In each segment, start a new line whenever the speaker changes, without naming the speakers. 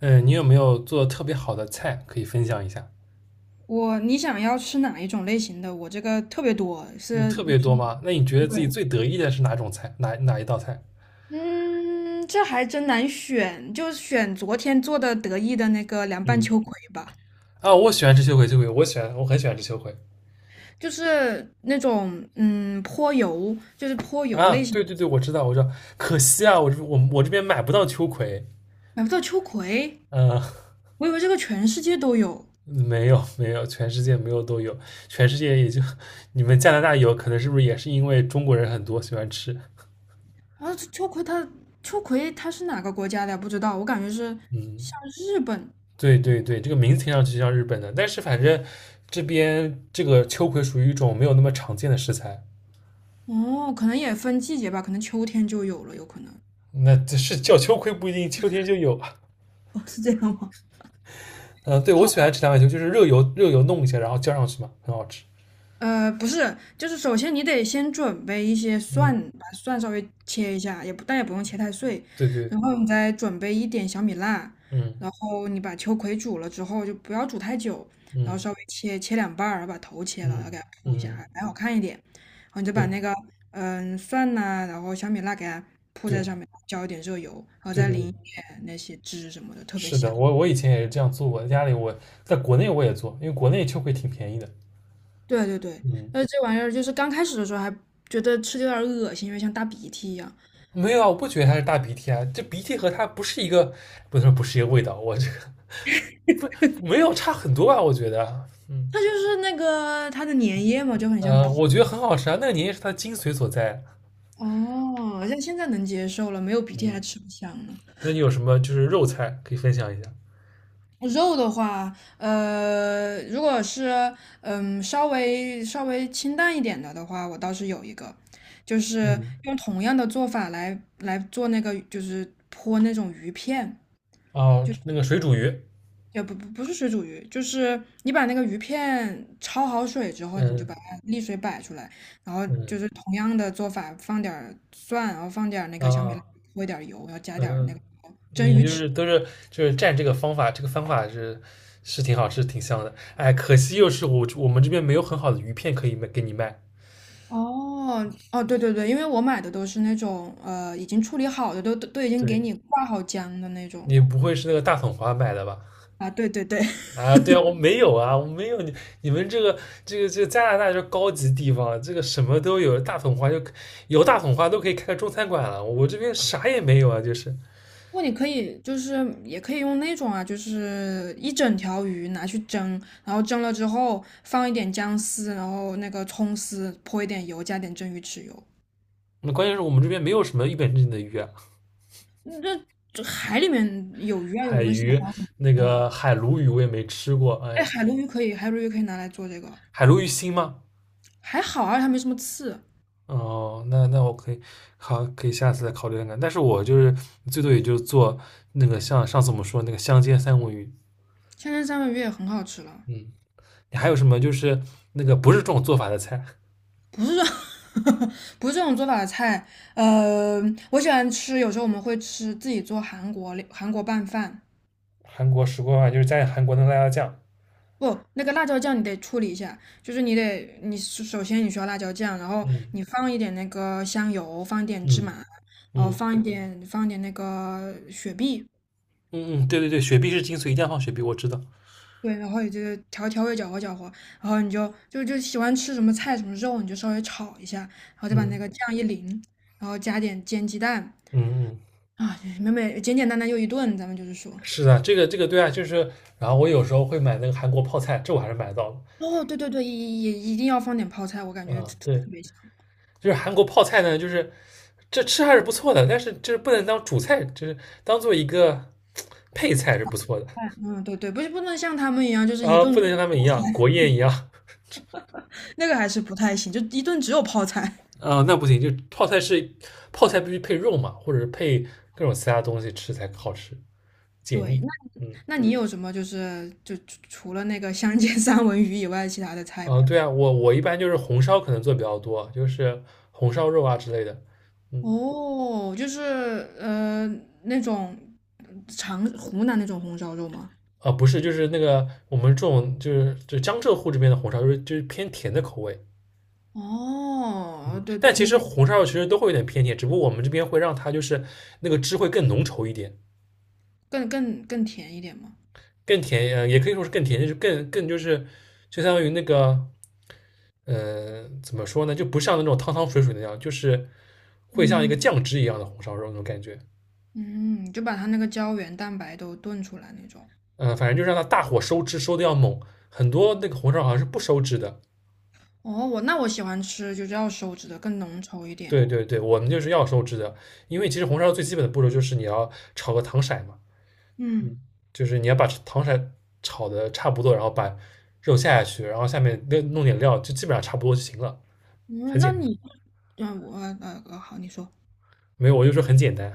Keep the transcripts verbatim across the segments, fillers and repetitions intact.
嗯，你有没有做的特别好的菜可以分享一下？
我你想要吃哪一种类型的？我这个特别多，
嗯，
是，
特别多
对，
吗？那你觉得自己最得意的是哪种菜？哪哪一道菜？
嗯，这还真难选，就选昨天做的得意的那个凉拌
嗯。
秋葵吧，
啊，我喜欢吃秋葵，秋葵，我喜欢，我很喜欢吃秋葵。
就是那种嗯泼油，就是泼油
啊，
类型。
对对对，我知道，我知道。可惜啊，我这我我这边买不到秋葵。
买不到秋葵，
嗯。
我以为这个全世界都有。
没有没有，全世界没有都有，全世界也就你们加拿大有，可能是不是也是因为中国人很多喜欢吃？
啊，这秋葵它秋葵它是哪个国家的呀不知道，我感觉是
嗯，
像日本，
对
嗯，
对对，这个名字听上去像日本的，但是反正这边这个秋葵属于一种没有那么常见的食材。
哦，可能也分季节吧，可能秋天就有了，有可能。
那这是叫秋葵不一定秋天就有啊。
哦，是这样吗？
嗯，对我喜
好。
欢吃凉白球，就是热油热油弄一下，然后浇上去嘛，很好吃。
呃，不是，就是首先你得先准备一些蒜，
嗯，
把蒜稍微切一下，也不，但也不用切太碎，
对对，
然后你再准备一点小米辣，
嗯
然后你把秋葵煮了之后就不要煮太久，然后
嗯
稍微切切两半儿，然后把头切了，然
嗯
后给它铺一下，
嗯，
还还好看一点。然后你就把
对
那个嗯蒜呐、然后小米辣给它铺在
对
上面，浇一点热油，然后
对
再
对
淋
对，
一点那些汁什么的，特别
是的，
香。
我我以前也是这样做，过，在家里我在国内我也做，因为国内秋葵挺便宜的。
对对对，
嗯，
呃，这玩意儿就是刚开始的时候还觉得吃的有点儿恶心，因为像大鼻涕一样。
没有啊，我不觉得它是大鼻涕啊，这鼻涕和它不是一个，不能说不是一个味道，我这个没有差很多吧，我觉得。嗯
它就是那个它的粘液嘛，就很像
呃，
鼻
我觉得
涕。
很好吃啊，那个年夜是它的精髓所在啊。
哦，像现在能接受了，没有鼻涕还
嗯。
吃不香呢。
那你有什么就是肉菜可以分享一下？
肉的话，呃，如果是嗯稍微稍微清淡一点的的话，我倒是有一个，就是
嗯，
用同样的做法来来做那个，就是泼那种鱼片。
哦，
就。
那个水煮鱼。
也不不不是水煮鱼，就是你把那个鱼片焯好水之后，你就
嗯
把它沥水摆出来，然后
嗯
就是同样的做法，放点儿蒜，然后放点儿那个小米辣，
啊
泼一点儿油，然后加
嗯。
点儿那
嗯
个蒸
你
鱼
就
豉。
是都是就是蘸这个方法，这个方法是是挺好，是挺香的。哎，可惜又是我我们这边没有很好的鱼片可以卖给你卖。
哦哦，对对对，因为我买的都是那种呃已经处理好的，都都都已经给
对，
你挂好浆的那种
你不会是那个大统花买的吧？
啊，对对对，
啊，对啊，我没有啊，我没有你你们这个这个这个加拿大就是高级地方，这个什么都有，大统花就有大统花都可以开个中餐馆了，我这边啥也没有啊，就是
不，过你可以就是也可以用那种啊，就是一整条鱼拿去蒸，然后蒸了之后放一点姜丝，然后那个葱丝，泼一点油，加点蒸鱼豉油。
那关键是我们这边没有什么一本正经的鱼啊。
嗯那这海里面有鱼啊，有
海
没有喜
鱼，
欢的？
那
嗯，
个海鲈鱼我也没吃过。哎
哎，
呀，
海鲈鱼可以，海鲈鱼可以拿来做这个，
海鲈鱼腥吗？
还好啊，它没什么刺。
哦，那那我可以好，可以下次再考虑看看。但是我就是最多也就做那个像上次我们说那个香煎三文鱼。
千层三文鱼也很好吃了，
嗯，你还有什么就是那个不是这种做法的菜？
不是这种做法的菜。呃，我喜欢吃，有时候我们会吃自己做韩国韩国拌饭，
韩国石锅饭就是在韩国的辣椒酱。
不，那个辣椒酱你得处理一下，就是你得，你首首先你需要辣椒酱，然后
嗯
你放一点那个香油，放一点芝
嗯
麻，然后
嗯
放一嗯点放一点那个雪碧，
嗯嗯，对对对，雪碧是精髓，一定要放雪碧，我知道。
对，然后你就调调味搅和搅和，然后你就就就喜欢吃什么菜什么肉，你就稍微炒一下，然后再把
嗯
那个酱一淋，然后加点煎鸡蛋
嗯嗯。
啊，美美简简单单又一顿，咱们就是说。
是的，这个这个对啊，就是然后我有时候会买那个韩国泡菜，这我还是买到了。
哦，对对对，也也一定要放点泡菜，我感觉特
嗯，对，
特别香。
就是韩国泡菜呢，就是这吃还是不错的，但是就是不能当主菜，就是当做一个配菜是不错的。
嗯，对对，不是不能像他们一样，就是一
啊，
顿
不能像他们一样国宴一样。
那个还是不太行，就一顿只有泡菜。
啊，那不行，就泡菜是泡菜必须配肉嘛，或者是配各种其他东西吃才好吃，解
对，
腻。
那
嗯
那你嗯有什么就是就除了那个香煎三文鱼以外，其他的菜
嗯、呃
吗？
对啊，我我一般就是红烧可能做比较多，就是红烧肉啊之类的。嗯。
哦，就是呃那种长湖南那种红烧肉吗？
啊，不是，就是那个我们这种就是就江浙沪这边的红烧肉，就是偏甜的口味。
哦，
嗯，
对对，
但其
那
实
边
红烧肉其实都会有点偏甜，只不过我们这边会让它就是那个汁会更浓稠一点，
更更更甜一点嘛。
更甜，呃，也可以说是更甜，就是更更就是就相当于那个，呃，怎么说呢，就不像那种汤汤水水那样，就是会像一个
嗯
酱汁一样的红烧肉那种感觉。
嗯，就把它那个胶原蛋白都炖出来那种。
嗯、呃反正就让它大火收汁收的要猛，很多那个红烧好像是不收汁的，
哦，我那我喜欢吃就是要手指的更浓稠一点。
对对对，我们就是要收汁的，因为其实红烧最基本的步骤就是你要炒个糖色嘛。
嗯
嗯，就是你要把糖色炒的差不多，然后把肉下下去，然后下面那弄点料，就基本上差不多就行了，
嗯，
很
那
简单。
你嗯我呃呃好，你说。
没有，我就说很简单。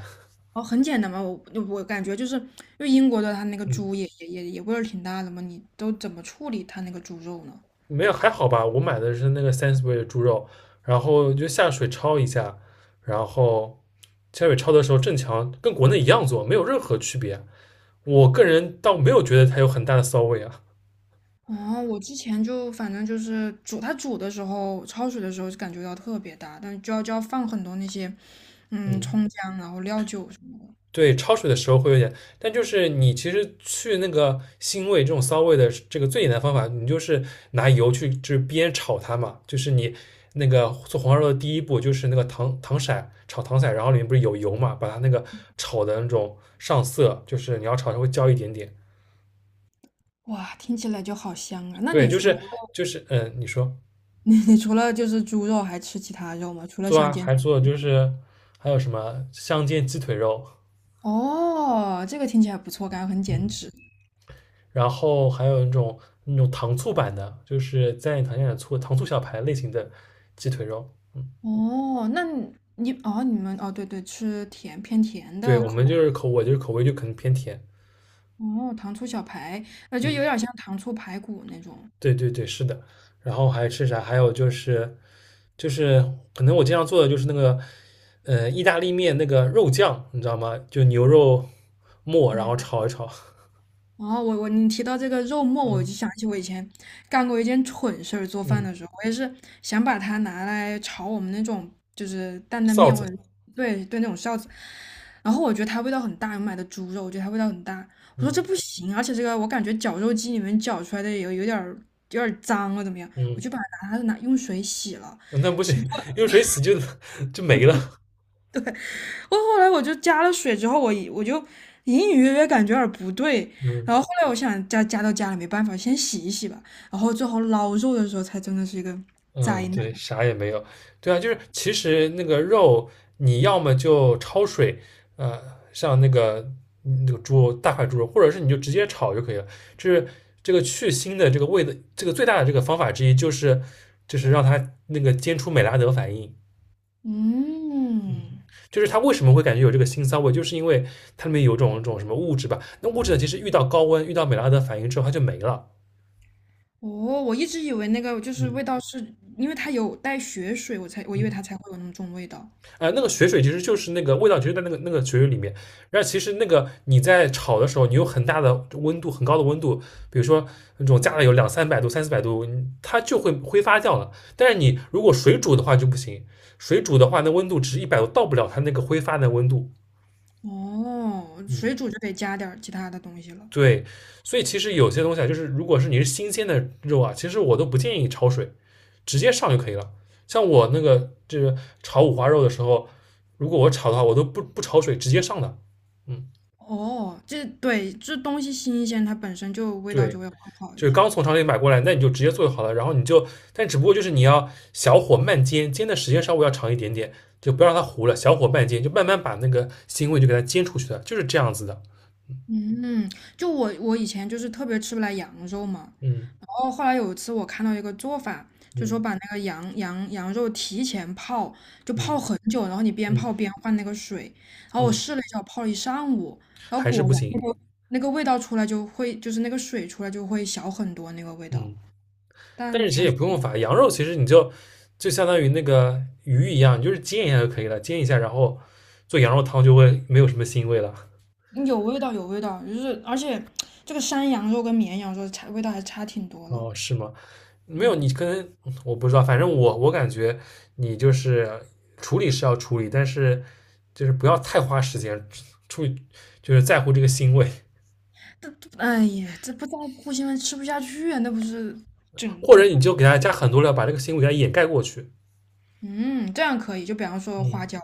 哦，很简单嘛，我我感觉就是因为英国的它那个
嗯，
猪也也也也味儿挺大的嘛，你都怎么处理它那个猪肉呢？
没有还好吧。我买的是那个 s a n s b u r y 的猪肉，然后就下水焯一下，然后下水焯的时候正强跟国内一样做，没有任何区别。我个人倒没有觉得它有很大的骚味啊。
哦，我之前就反正就是煮它煮的时候，焯水的时候就感觉到特别大，但就要就要放很多那些嗯
嗯。
葱姜，然后料酒什么的。
对，焯水的时候会有点，但就是你其实去那个腥味这种骚味的这个最简单的方法，你就是拿油去就是煸炒它嘛，就是你那个做黄烧肉的第一步就是那个糖糖色炒糖色，然后里面不是有油嘛，把它那个炒的那种上色，就是你要炒稍微焦一点点。
哇，听起来就好香啊！那
对，
你
就
除了
是就是嗯，你说
你你除了就是猪肉，还吃其他肉吗？除了
做
香
啊，
煎？
还做就是还有什么香煎鸡腿肉。
哦，这个听起来不错，感觉很减
嗯。
脂。
然后还有那种那种糖醋版的，就是蘸点糖蘸点醋，糖醋小排类型的鸡腿肉。
哦，那你你哦，你们哦，对对，吃甜偏甜
对
的
我们
口，
就是口，我就是口味就可能偏甜。
哦，糖醋小排，呃，就有
嗯，
点像糖醋排骨那种，
对对对，是的。然后还吃啥？还有就是就是可能我经常做的就是那个呃意大利面那个肉酱，你知道吗？就牛肉末，然
嗯。
后炒一炒。
然后我我你提到这个肉末，我
嗯
就想起我以前干过一件蠢事儿。做饭
嗯，
的时候，我也是想把它拿来炒我们那种就是担担
臊
面或
子。
者对对那种臊子，然后我觉得它味道很大，我买的猪肉，我觉得它味道很大。我说这
嗯
不行，而且这个我感觉绞肉机里面绞出来的有有点儿有点儿脏了，怎么样？我
嗯，
就把它拿拿用水洗了。
那不行，用水洗就 就没了。
我后来我就加了水之后，我我就隐隐约约感觉有点不对，
嗯。
然后后来我想加加到家里没办法，先洗一洗吧，然后最后捞肉的时候才真的是一个
嗯，
灾难。
对，啥也没有。对啊，就是其实那个肉，你要么就焯水，呃，像那个嗯那个猪肉大块猪肉，或者是你就直接炒就可以了。就是这个去腥的这个味的这个最大的这个方法之一，就是就是让它那个煎出美拉德反应。嗯，
嗯，
就是它为什么会感觉有这个腥骚味，就是因为它里面有种种什么物质吧。那物质呢，其实遇到高温，遇到美拉德反应之后，它就没了。
哦，我一直以为那个就是
嗯
味道是因为它有带血水，我才我以为
嗯。
它才会有那么重味道。
呃，那个血水其实就是那个味道，其实在那个那个血水里面。然后其实那个你在炒的时候，你有很大的温度，很高的温度，比如说那种加了有两三百度、三四百度，它就会挥发掉了。但是你如果水煮的话就不行，水煮的话那温度只一百度，到不了它那个挥发的温度。
哦，
嗯，
水煮就得加点儿其他的东西了。
对。所以其实有些东西啊，就是如果是你是新鲜的肉啊，其实我都不建议焯水。直接上就可以了。像我那个就是炒五花肉的时候，如果我炒的话，我都不不焯水，直接上的。嗯，
哦，这对，这东西新鲜，它本身就味道
对，
就会更好一
就是
些。
刚从厂里买过来，那你就直接做就好了。然后你就，但只不过就是你要小火慢煎，煎的时间稍微要长一点点，就不要让它糊了，小火慢煎，就慢慢把那个腥味就给它煎出去的，就是这样子的。
嗯，就我我以前就是特别吃不来羊肉嘛，
嗯
然后后来有一次我看到一个做法，就说
嗯
把那个羊羊羊肉提前泡，就泡
嗯
很久，然后你边
嗯
泡边换那个水，然后我
嗯，
试了一下，我泡了一上午，然后
还是
果
不
然那
行。
个那个味道出来就会，就是那个水出来就会小很多那个味道，
嗯。但
但
是其实
还
也
是
不用法，羊肉其实你就就相当于那个鱼一样，你就是煎一下就可以了，煎一下，然后做羊肉汤就会没有什么腥味了。
嗯有味道有味道，就是而且这个山羊肉跟绵羊肉差味道还差挺多了，
哦，是吗？没有，
嗯。
你可能我不知道，反正我我感觉你就是处理是要处理，但是就是不要太花时间处理，就是在乎这个腥味，
这这哎呀，这不在乎新闻吃不下去啊，那不是整
或者
整，
你就给它加很多料，把这个腥味给它掩盖过去。
嗯，这样可以。就比方说
嗯，
花椒，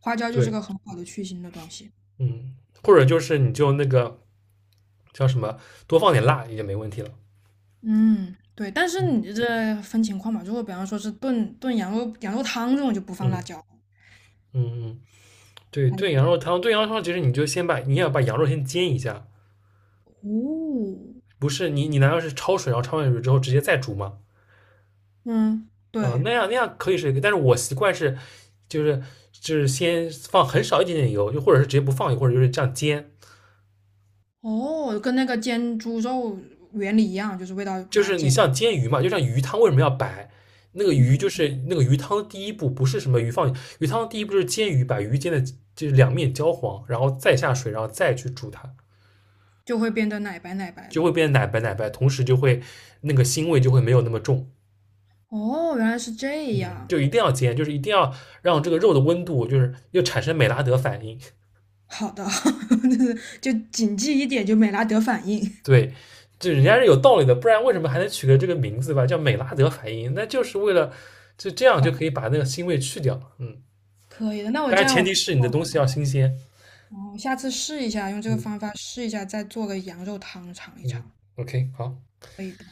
花椒就是
对，
个很好的去腥的东西。
嗯，或者就是你就那个叫什么，多放点辣也没问题了。
嗯，对，但是
嗯
你这分情况嘛，如果比方说是炖炖羊肉羊肉汤这种就不放辣
嗯
椒，
嗯嗯。对
还
炖羊肉汤，炖羊肉汤其实你就先把你要把羊肉先煎一下。
哦，
不是你你难道是焯水，然后焯完水之后直接再煮吗？
嗯，
嗯、呃
对，
那样那样可以是一个，但是我习惯是就是就是先放很少一点点油，就或者是直接不放油，或者就是这样煎，
哦，跟那个煎猪肉原理一样，就是味道给
就
它
是你
煎，
像煎鱼嘛，就像鱼汤为什么要白？那个鱼
嗯，
就是那个鱼汤的第一步，不是什么鱼放鱼汤的第一步就是煎鱼，把鱼煎的就是两面焦黄，然后再下水，然后再去煮它，
就会变得奶白奶白
就
的。
会变奶白奶白，同时就会那个腥味就会没有那么重。
哦，原来是这
嗯，
样。
就一定要煎，就是一定要让这个肉的温度，就是又产生美拉德反应。
好的，就是就谨记一点，就美拉德反应。
对，就人家是有道理的，不然为什么还能取个这个名字吧，叫美拉德反应？那就是为了就这样就可以把那个腥味去掉。嗯，
可以的，那我
当
这
然
样
前
我，
提是你的东西要新鲜。
嗯我下次试一下，用这个方
嗯
法试一下，再做个羊肉汤尝一
嗯
尝，
，OK，好。
可以的。